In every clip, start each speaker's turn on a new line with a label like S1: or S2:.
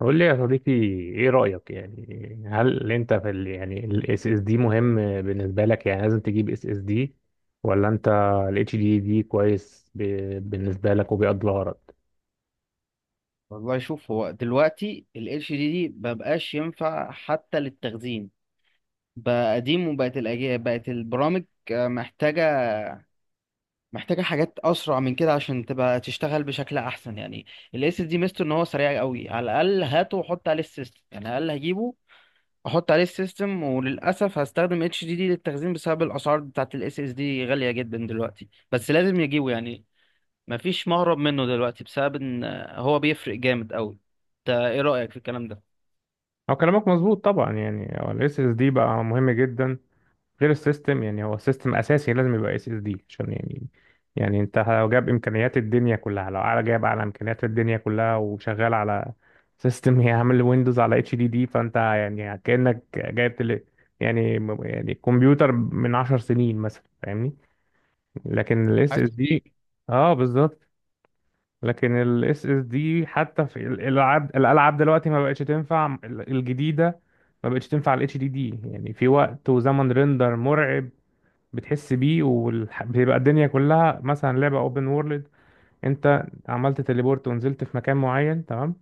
S1: قول لي يا صديقي، ايه رأيك؟ يعني هل انت في ال SSD مهم بالنسبة لك؟ يعني لازم تجيب SSD، ولا انت ال HDD كويس بالنسبة لك وبيقضي الغرض؟
S2: والله شوف هو دلوقتي ال HDD دي مبقاش ينفع حتى للتخزين. بقى قديم وبقت الأجهزة بقت البرامج آه، محتاجة حاجات أسرع من كده عشان تبقى تشتغل بشكل أحسن يعني. ال SSD ميزته إن هو سريع قوي، على الأقل هاته وحط عليه السيستم، يعني على الأقل هجيبه أحط عليه السيستم، وللأسف هستخدم HDD للتخزين بسبب الأسعار بتاعت ال SSD غالية جدا دلوقتي، بس لازم يجيبه يعني. مفيش مهرب منه دلوقتي بسبب إن آه، هو بيفرق جامد قوي. انت ايه رأيك في الكلام ده؟
S1: هو كلامك مظبوط طبعا، يعني هو الاس اس دي بقى مهم جدا غير السيستم. يعني هو السيستم اساسي، لازم يبقى اس اس دي عشان يعني انت لو جاب امكانيات الدنيا كلها، لو على جايب على امكانيات الدنيا كلها وشغال على سيستم يعمل ويندوز على اتش دي دي، فانت يعني كانك جايب تل... يعني يعني كمبيوتر من 10 سنين مثلا، فاهمني؟ لكن الاس اس
S2: حاسس بيك.
S1: دي، اه بالظبط. لكن ال SSD حتى في الألعاب دلوقتي ما بقتش تنفع الجديدة، ما بقتش تنفع ال HDD، يعني في وقت وزمن ريندر مرعب بتحس بيه، وبيبقى الدنيا كلها، مثلا لعبة اوبن وورلد انت عملت تليبورت ونزلت في مكان معين، تمام؟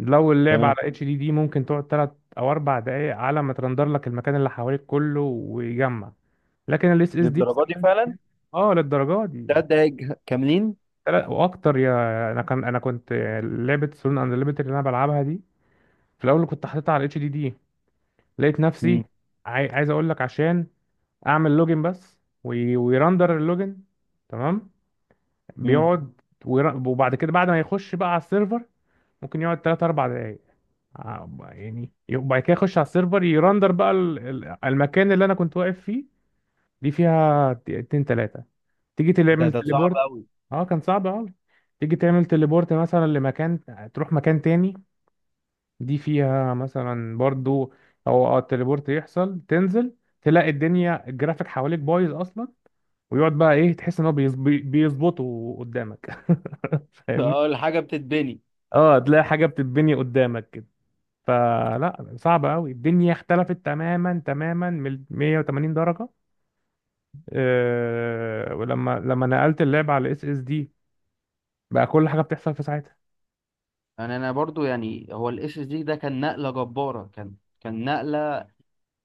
S1: لو اللعبة على
S2: تمام.
S1: HDD ممكن تقعد 3 أو 4 دقايق على ما ترندر لك المكان اللي حواليك كله ويجمع. لكن ال SSD في
S2: للدرجه دي
S1: ثواني
S2: فعلا؟
S1: كده- اه، للدرجة دي يعني.
S2: تلات دقايق كاملين.
S1: لا، واكتر يا. انا كنت لعبه سولون اند ليميتد اللي انا بلعبها دي، في الاول كنت حاططها على الاتش دي دي، لقيت نفسي
S2: مم.
S1: عايز اقول لك، عشان اعمل لوجن بس ويرندر اللوجن، تمام.
S2: مم.
S1: بيقعد، وبعد كده بعد ما يخش بقى على السيرفر ممكن يقعد 3 4 دقايق ع- يعني. وبعد كده يخش على السيرفر، يرندر بقى المكان اللي انا كنت واقف فيه. دي فيها اتنين تلاتة. تيجي
S2: ده
S1: تعمل
S2: ده صعب
S1: تليبورت،
S2: قوي.
S1: اه كان صعب اوي. تيجي تعمل تليبورت مثلا لمكان، تروح مكان تاني. دي فيها مثلا برضو، او اه التليبورت يحصل تنزل، تلاقي الدنيا، الجرافيك حواليك بايظ اصلا، ويقعد بقى ايه، تحس ان هو بيظبطه قدامك فاهمني؟
S2: اه الحاجه بتتبني.
S1: اه، تلاقي حاجة بتتبني قدامك كده، فلا صعب قوي، الدنيا اختلفت تماما تماما من 180 درجة. آه، ولما نقلت اللعبة على اس اس دي، بقى كل حاجة بتحصل في ساعتها.
S2: يعني انا برضو يعني هو الاس اس دي ده كان نقله جباره، كان نقله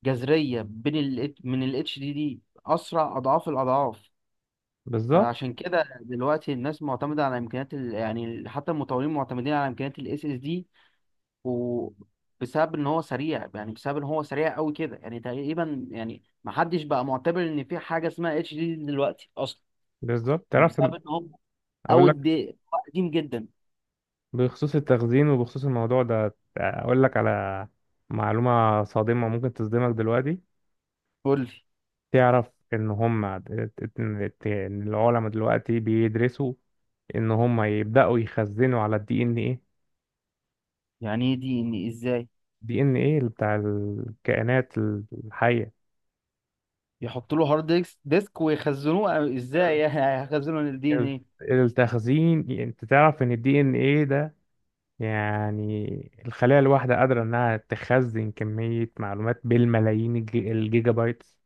S2: جذريه بين ال من الاتش دي دي، اسرع اضعاف الاضعاف.
S1: بالظبط،
S2: فعشان كده دلوقتي الناس معتمده على امكانيات ال، يعني حتى المطورين معتمدين على امكانيات الاس اس دي، وبسبب ان هو سريع، يعني بسبب ان هو سريع قوي كده، يعني تقريبا يعني ما حدش بقى معتبر ان في حاجه اسمها اتش دي دلوقتي اصلا.
S1: بالظبط، تعرف
S2: بسبب ان هو
S1: اقول
S2: او
S1: لك
S2: دي قديم جدا.
S1: بخصوص التخزين وبخصوص الموضوع ده، اقول لك على معلومة صادمة ممكن تصدمك دلوقتي.
S2: قول لي.
S1: تعرف ان هم العلماء دلوقتي بيدرسوا ان هم يبدأوا يخزنوا على الدي ان ايه،
S2: يعني ايه دي ان ازاي؟
S1: دي ان ايه بتاع الكائنات الحية.
S2: يحط له هارد ديسك ويخزنوه أو ازاي
S1: ال-
S2: يعني هيخزنوا الدي ان
S1: ال-
S2: ايه؟
S1: التخزين، يعني انت تعرف ان الدي ان ايه ده، يعني الخلية الواحدة قادرة إنها تخزن كمية معلومات بالملايين، الجيجا بايتس،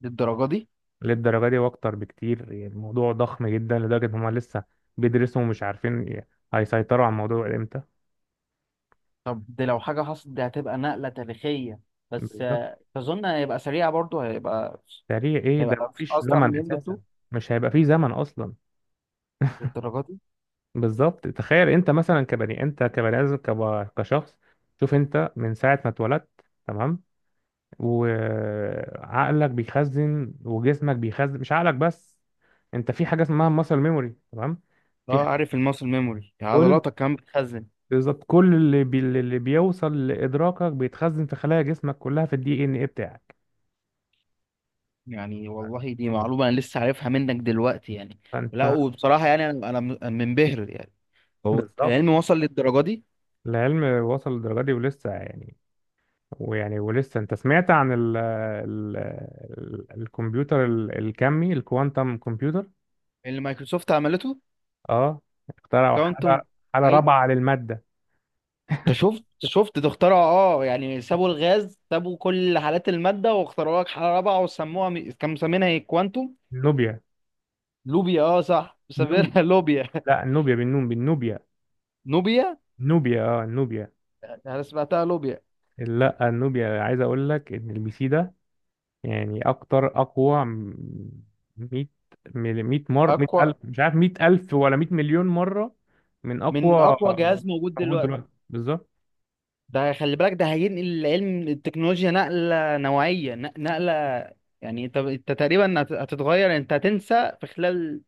S2: للدرجه دي؟
S1: للدرجة دي وأكتر بكتير. يعني الموضوع ضخم جدا لدرجة إن هما لسه بيدرسوا ومش عارفين هيسيطروا على الموضوع إمتى.
S2: طب دي لو حاجه حصلت دي هتبقى نقله تاريخيه، بس
S1: بالظبط،
S2: آه، تظن هيبقى سريع برضه؟ هيبقى
S1: سريع إيه ده!
S2: هيبقى
S1: مفيش
S2: اسرع من
S1: زمن
S2: الام دوت
S1: أساسا،
S2: 2؟
S1: مش هيبقى فيه زمن أصلا.
S2: للدرجه دي؟
S1: بالظبط، تخيل أنت مثلا، كبني آدم، كشخص. شوف أنت من ساعة ما اتولدت، تمام، وعقلك بيخزن وجسمك بيخزن، مش عقلك بس. انت في حاجه اسمها ماسل ميموري، تمام؟ في
S2: اه
S1: ح-
S2: عارف الماسل ميموري،
S1: كل،
S2: عضلاتك كمان بتخزن.
S1: بالظبط كل اللي بيوصل لادراكك بيتخزن في خلايا جسمك كلها في الدي ان ايه بتاعك،
S2: يعني والله دي معلومة انا لسه عارفها منك دلوقتي يعني. لا
S1: فانت.
S2: وبصراحة يعني انا منبهر يعني. هو
S1: بالظبط،
S2: العلم وصل للدرجة دي؟
S1: العلم وصل للدرجه دي ولسه يعني، ولسه انت سمعت عن الكمبيوتر الكمي، الكوانتم كمبيوتر.
S2: اللي مايكروسوفت عملته.
S1: اه، اخترعوا
S2: كوانتم.
S1: حاله
S2: اي.
S1: رابعه للماده،
S2: انت شفت ده اخترعوا. اه يعني سابوا الغاز، سابوا كل حالات المادة واخترعوا لك حالة رابعة وسموها كانوا مسمينها ايه، كوانتم
S1: نوبيا.
S2: لوبيا. اه صح، مسمينها لوبيا.
S1: لا، النوبيا بالنون، بالنوبيا.
S2: نوبيا.
S1: نوبيا، اه النوبيا.
S2: انا سمعتها لوبيا.
S1: لا، النوبيا، عايز اقول لك ان البي سي ده يعني اكتر، اقوى 100، 100 مره، 100
S2: اقوى
S1: الف، مش عارف 100 الف ولا 100 مليون مره، من
S2: من
S1: اقوى
S2: اقوى جهاز موجود
S1: موجود دلوقتي.
S2: دلوقتي.
S1: بالظبط،
S2: ده خلي بالك ده هينقل العلم التكنولوجيا نقلة نوعية، نقلة يعني. انت تقريبا هتتغير، انت هتنسى في خلال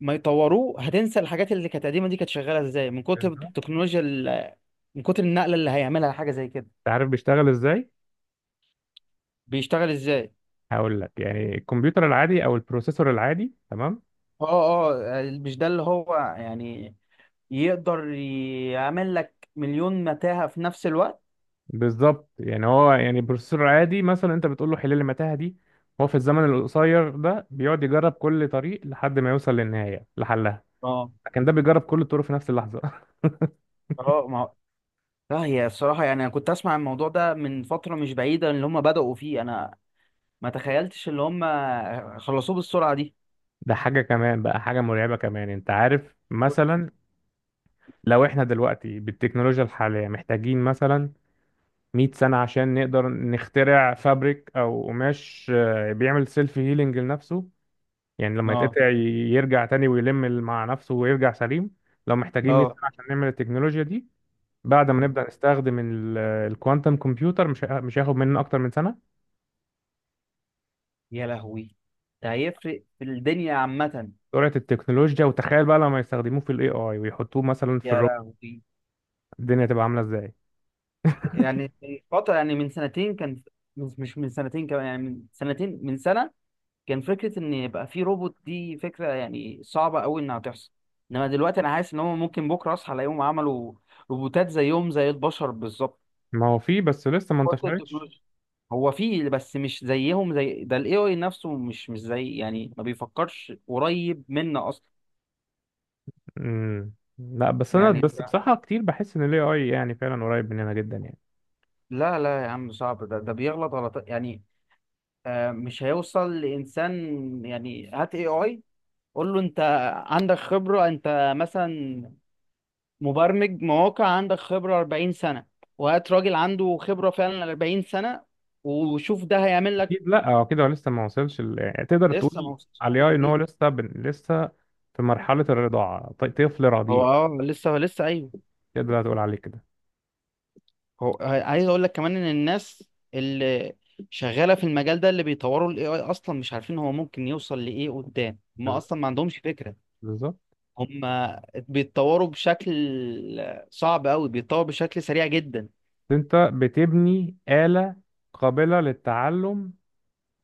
S2: ما يطوروه، هتنسى الحاجات اللي كانت قديمة دي كانت شغالة ازاي من كتر
S1: بالظبط.
S2: التكنولوجيا ال، من كتر النقلة اللي هيعملها حاجة زي كده.
S1: انت عارف بيشتغل ازاي؟
S2: بيشتغل ازاي؟
S1: هقول لك، يعني الكمبيوتر العادي او البروسيسور العادي، تمام.
S2: اه اه مش ده اللي هو يعني يقدر يعمل لك مليون متاهة في نفس الوقت؟
S1: بالظبط، يعني هو يعني بروسيسور عادي، مثلا انت بتقول له حل لي المتاهه دي، هو في الزمن القصير ده بيقعد يجرب كل طريق لحد ما يوصل للنهايه لحلها،
S2: اه
S1: لكن ده بيجرب كل الطرق في نفس اللحظه.
S2: اه ما هو- لا هي الصراحة يعني أنا كنت أسمع الموضوع ده من فترة مش بعيدة اللي هم بدأوا فيه، أنا ما تخيلتش اللي هم خلصوه بالسرعة دي.
S1: ده حاجه كمان بقى، حاجه مرعبه كمان. انت عارف مثلا، لو احنا دلوقتي بالتكنولوجيا الحاليه محتاجين مثلا 100 سنه عشان نقدر نخترع فابريك او قماش بيعمل سيلف هيلينج لنفسه، يعني لما
S2: اه
S1: يتقطع يرجع تاني ويلم مع نفسه ويرجع سليم. لو محتاجين 100
S2: اه.
S1: سنه عشان نعمل التكنولوجيا دي، بعد ما نبدأ نستخدم الكوانتم كمبيوتر، مش هياخد مننا اكتر من سنة.
S2: يا لهوي. ده هيفرق في الدنيا عامة.
S1: سرعة التكنولوجيا! وتخيل بقى لما يستخدموه في الاي اي ويحطوه مثلا في
S2: يا
S1: الروبوت،
S2: لهوي.
S1: الدنيا تبقى عاملة ازاي؟
S2: يعني من فترة يعني من سنتين كان، مش من سنتين كمان، يعني من سنتين من سنة، كان فكرة إن يبقى في روبوت دي فكرة يعني صعبة أوي إنها تحصل، إنما دلوقتي أنا حاسس إن هم ممكن بكرة أصحى ألاقيهم عملوا روبوتات زيهم زي البشر.
S1: ما هو فيه، بس لسه ما
S2: بالظبط.
S1: انتشرتش.
S2: هو فيه بس مش زيهم زي ده، الاي اي نفسه مش زي يعني، ما بيفكرش قريب منا اصلا.
S1: لا، بس انا،
S2: يعني
S1: بس بصراحة كتير بحس ان الاي اي يعني فعلا قريب مننا جدا يعني.
S2: لا لا، يا عم صعب، ده بيغلط غلط يعني. آه مش هيوصل لانسان. يعني هات اي اي قول له انت عندك خبرة، انت مثلا مبرمج مواقع عندك خبرة 40 سنة، وهات راجل عنده خبرة فعلا 40 سنة، وشوف ده هيعمل لك.
S1: اكيد، لا هو كده لسه ما وصلش يعني تقدر
S2: لسه ما
S1: تقول
S2: وصلش
S1: على
S2: حاجة
S1: الاي اي
S2: زي
S1: ان هو
S2: دي.
S1: لسه في مرحلة الرضاعة، طفل
S2: هو
S1: رضيع،
S2: اه لسه لسه ايوه.
S1: تقدر تقول عليه كده.
S2: هو عايز اقول لك كمان ان الناس اللي شغاله في المجال ده، اللي بيطوروا الاي اي، اصلا مش عارفين هو ممكن يوصل لايه قدام، هم
S1: بز-
S2: اصلا ما عندهمش فكره.
S1: بالظبط،
S2: هم بيتطوروا بشكل صعب قوي، بيتطور بشكل سريع جدا.
S1: انت بتبني آلة قابلة للتعلم،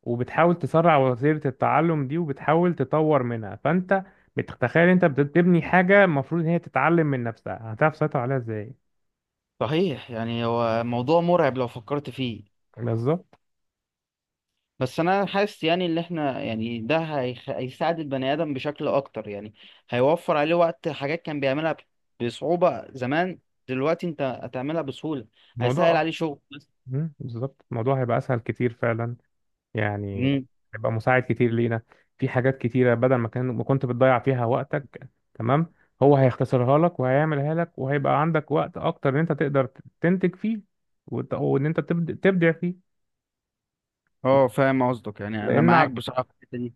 S1: وبتحاول تسرع وتيرة التعلم دي وبتحاول تطور منها، فانت بتتخيل، انت بتبني حاجة المفروض ان هي تتعلم من نفسها، هتعرف تسيطر عليها ازاي؟
S2: صحيح، يعني هو موضوع مرعب لو فكرت فيه.
S1: بالظبط،
S2: بس انا حاسس يعني ان احنا يعني ده هيخ، هيساعد البني ادم بشكل اكتر يعني. هيوفر عليه وقت، حاجات كان بيعملها بصعوبه زمان دلوقتي انت هتعملها بسهوله.
S1: الموضوع
S2: هيسهل عليه شغل.
S1: بالظبط الموضوع هيبقى اسهل كتير فعلا، يعني هيبقى مساعد كتير لينا في حاجات كتيرة، بدل ما كان ما كنت بتضيع فيها وقتك، تمام. هو هيختصرها لك وهيعملها لك وهيبقى عندك وقت أكتر إن أنت تقدر تنتج فيه، وإن أنت تبدع فيه.
S2: اه فاهم قصدك، يعني انا
S1: لأن
S2: معاك
S1: بالظبط.
S2: بصراحه في الحته دي.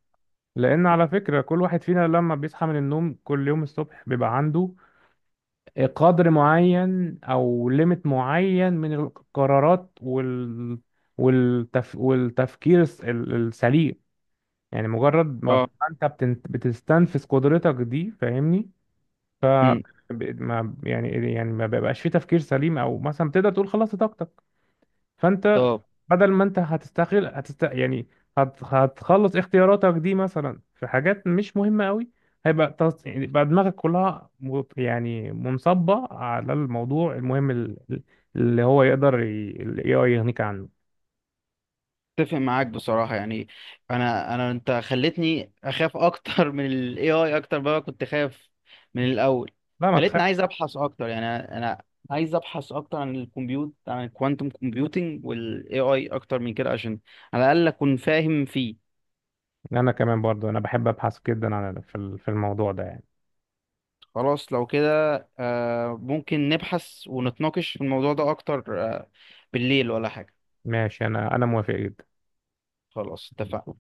S1: لأن على فكرة، كل واحد فينا لما بيصحى من النوم كل يوم الصبح بيبقى عنده قدر معين أو ليميت معين من القرارات، والتفكير السليم. يعني مجرد ما
S2: اه.
S1: بقى انت بتستنفذ قدرتك دي، فاهمني؟ ف
S2: امم.
S1: ب- ما يعني يعني ما بيبقاش في تفكير سليم، او مثلا تقدر تقول خلصت طاقتك، فانت
S2: طب.
S1: بدل ما انت هتستغل هتست يعني هت... هتخلص اختياراتك دي مثلا في حاجات مش مهمة قوي، هيبقى يعني بقى دماغك كلها يعني منصبة على الموضوع المهم اللي هو يقدر ال AI يغنيك عنه.
S2: اتفق معاك بصراحه يعني. انا انت خلتني اخاف اكتر من الاي اي، اكتر بقى كنت خايف من الاول.
S1: لا ما تخاف.
S2: خلتني عايز ابحث اكتر يعني. انا عايز ابحث اكتر عن الكمبيوت، عن الكوانتم كومبيوتنج والاي اي اكتر من كده، عشان على الاقل اكون فاهم فيه.
S1: انا كمان برضو، انا بحب ابحث جدا في الموضوع ده يعني.
S2: خلاص لو كده آه ممكن نبحث ونتناقش في الموضوع ده اكتر، آه بالليل ولا حاجه.
S1: ماشي، انا موافق جدا.
S2: خلاص اتفقنا.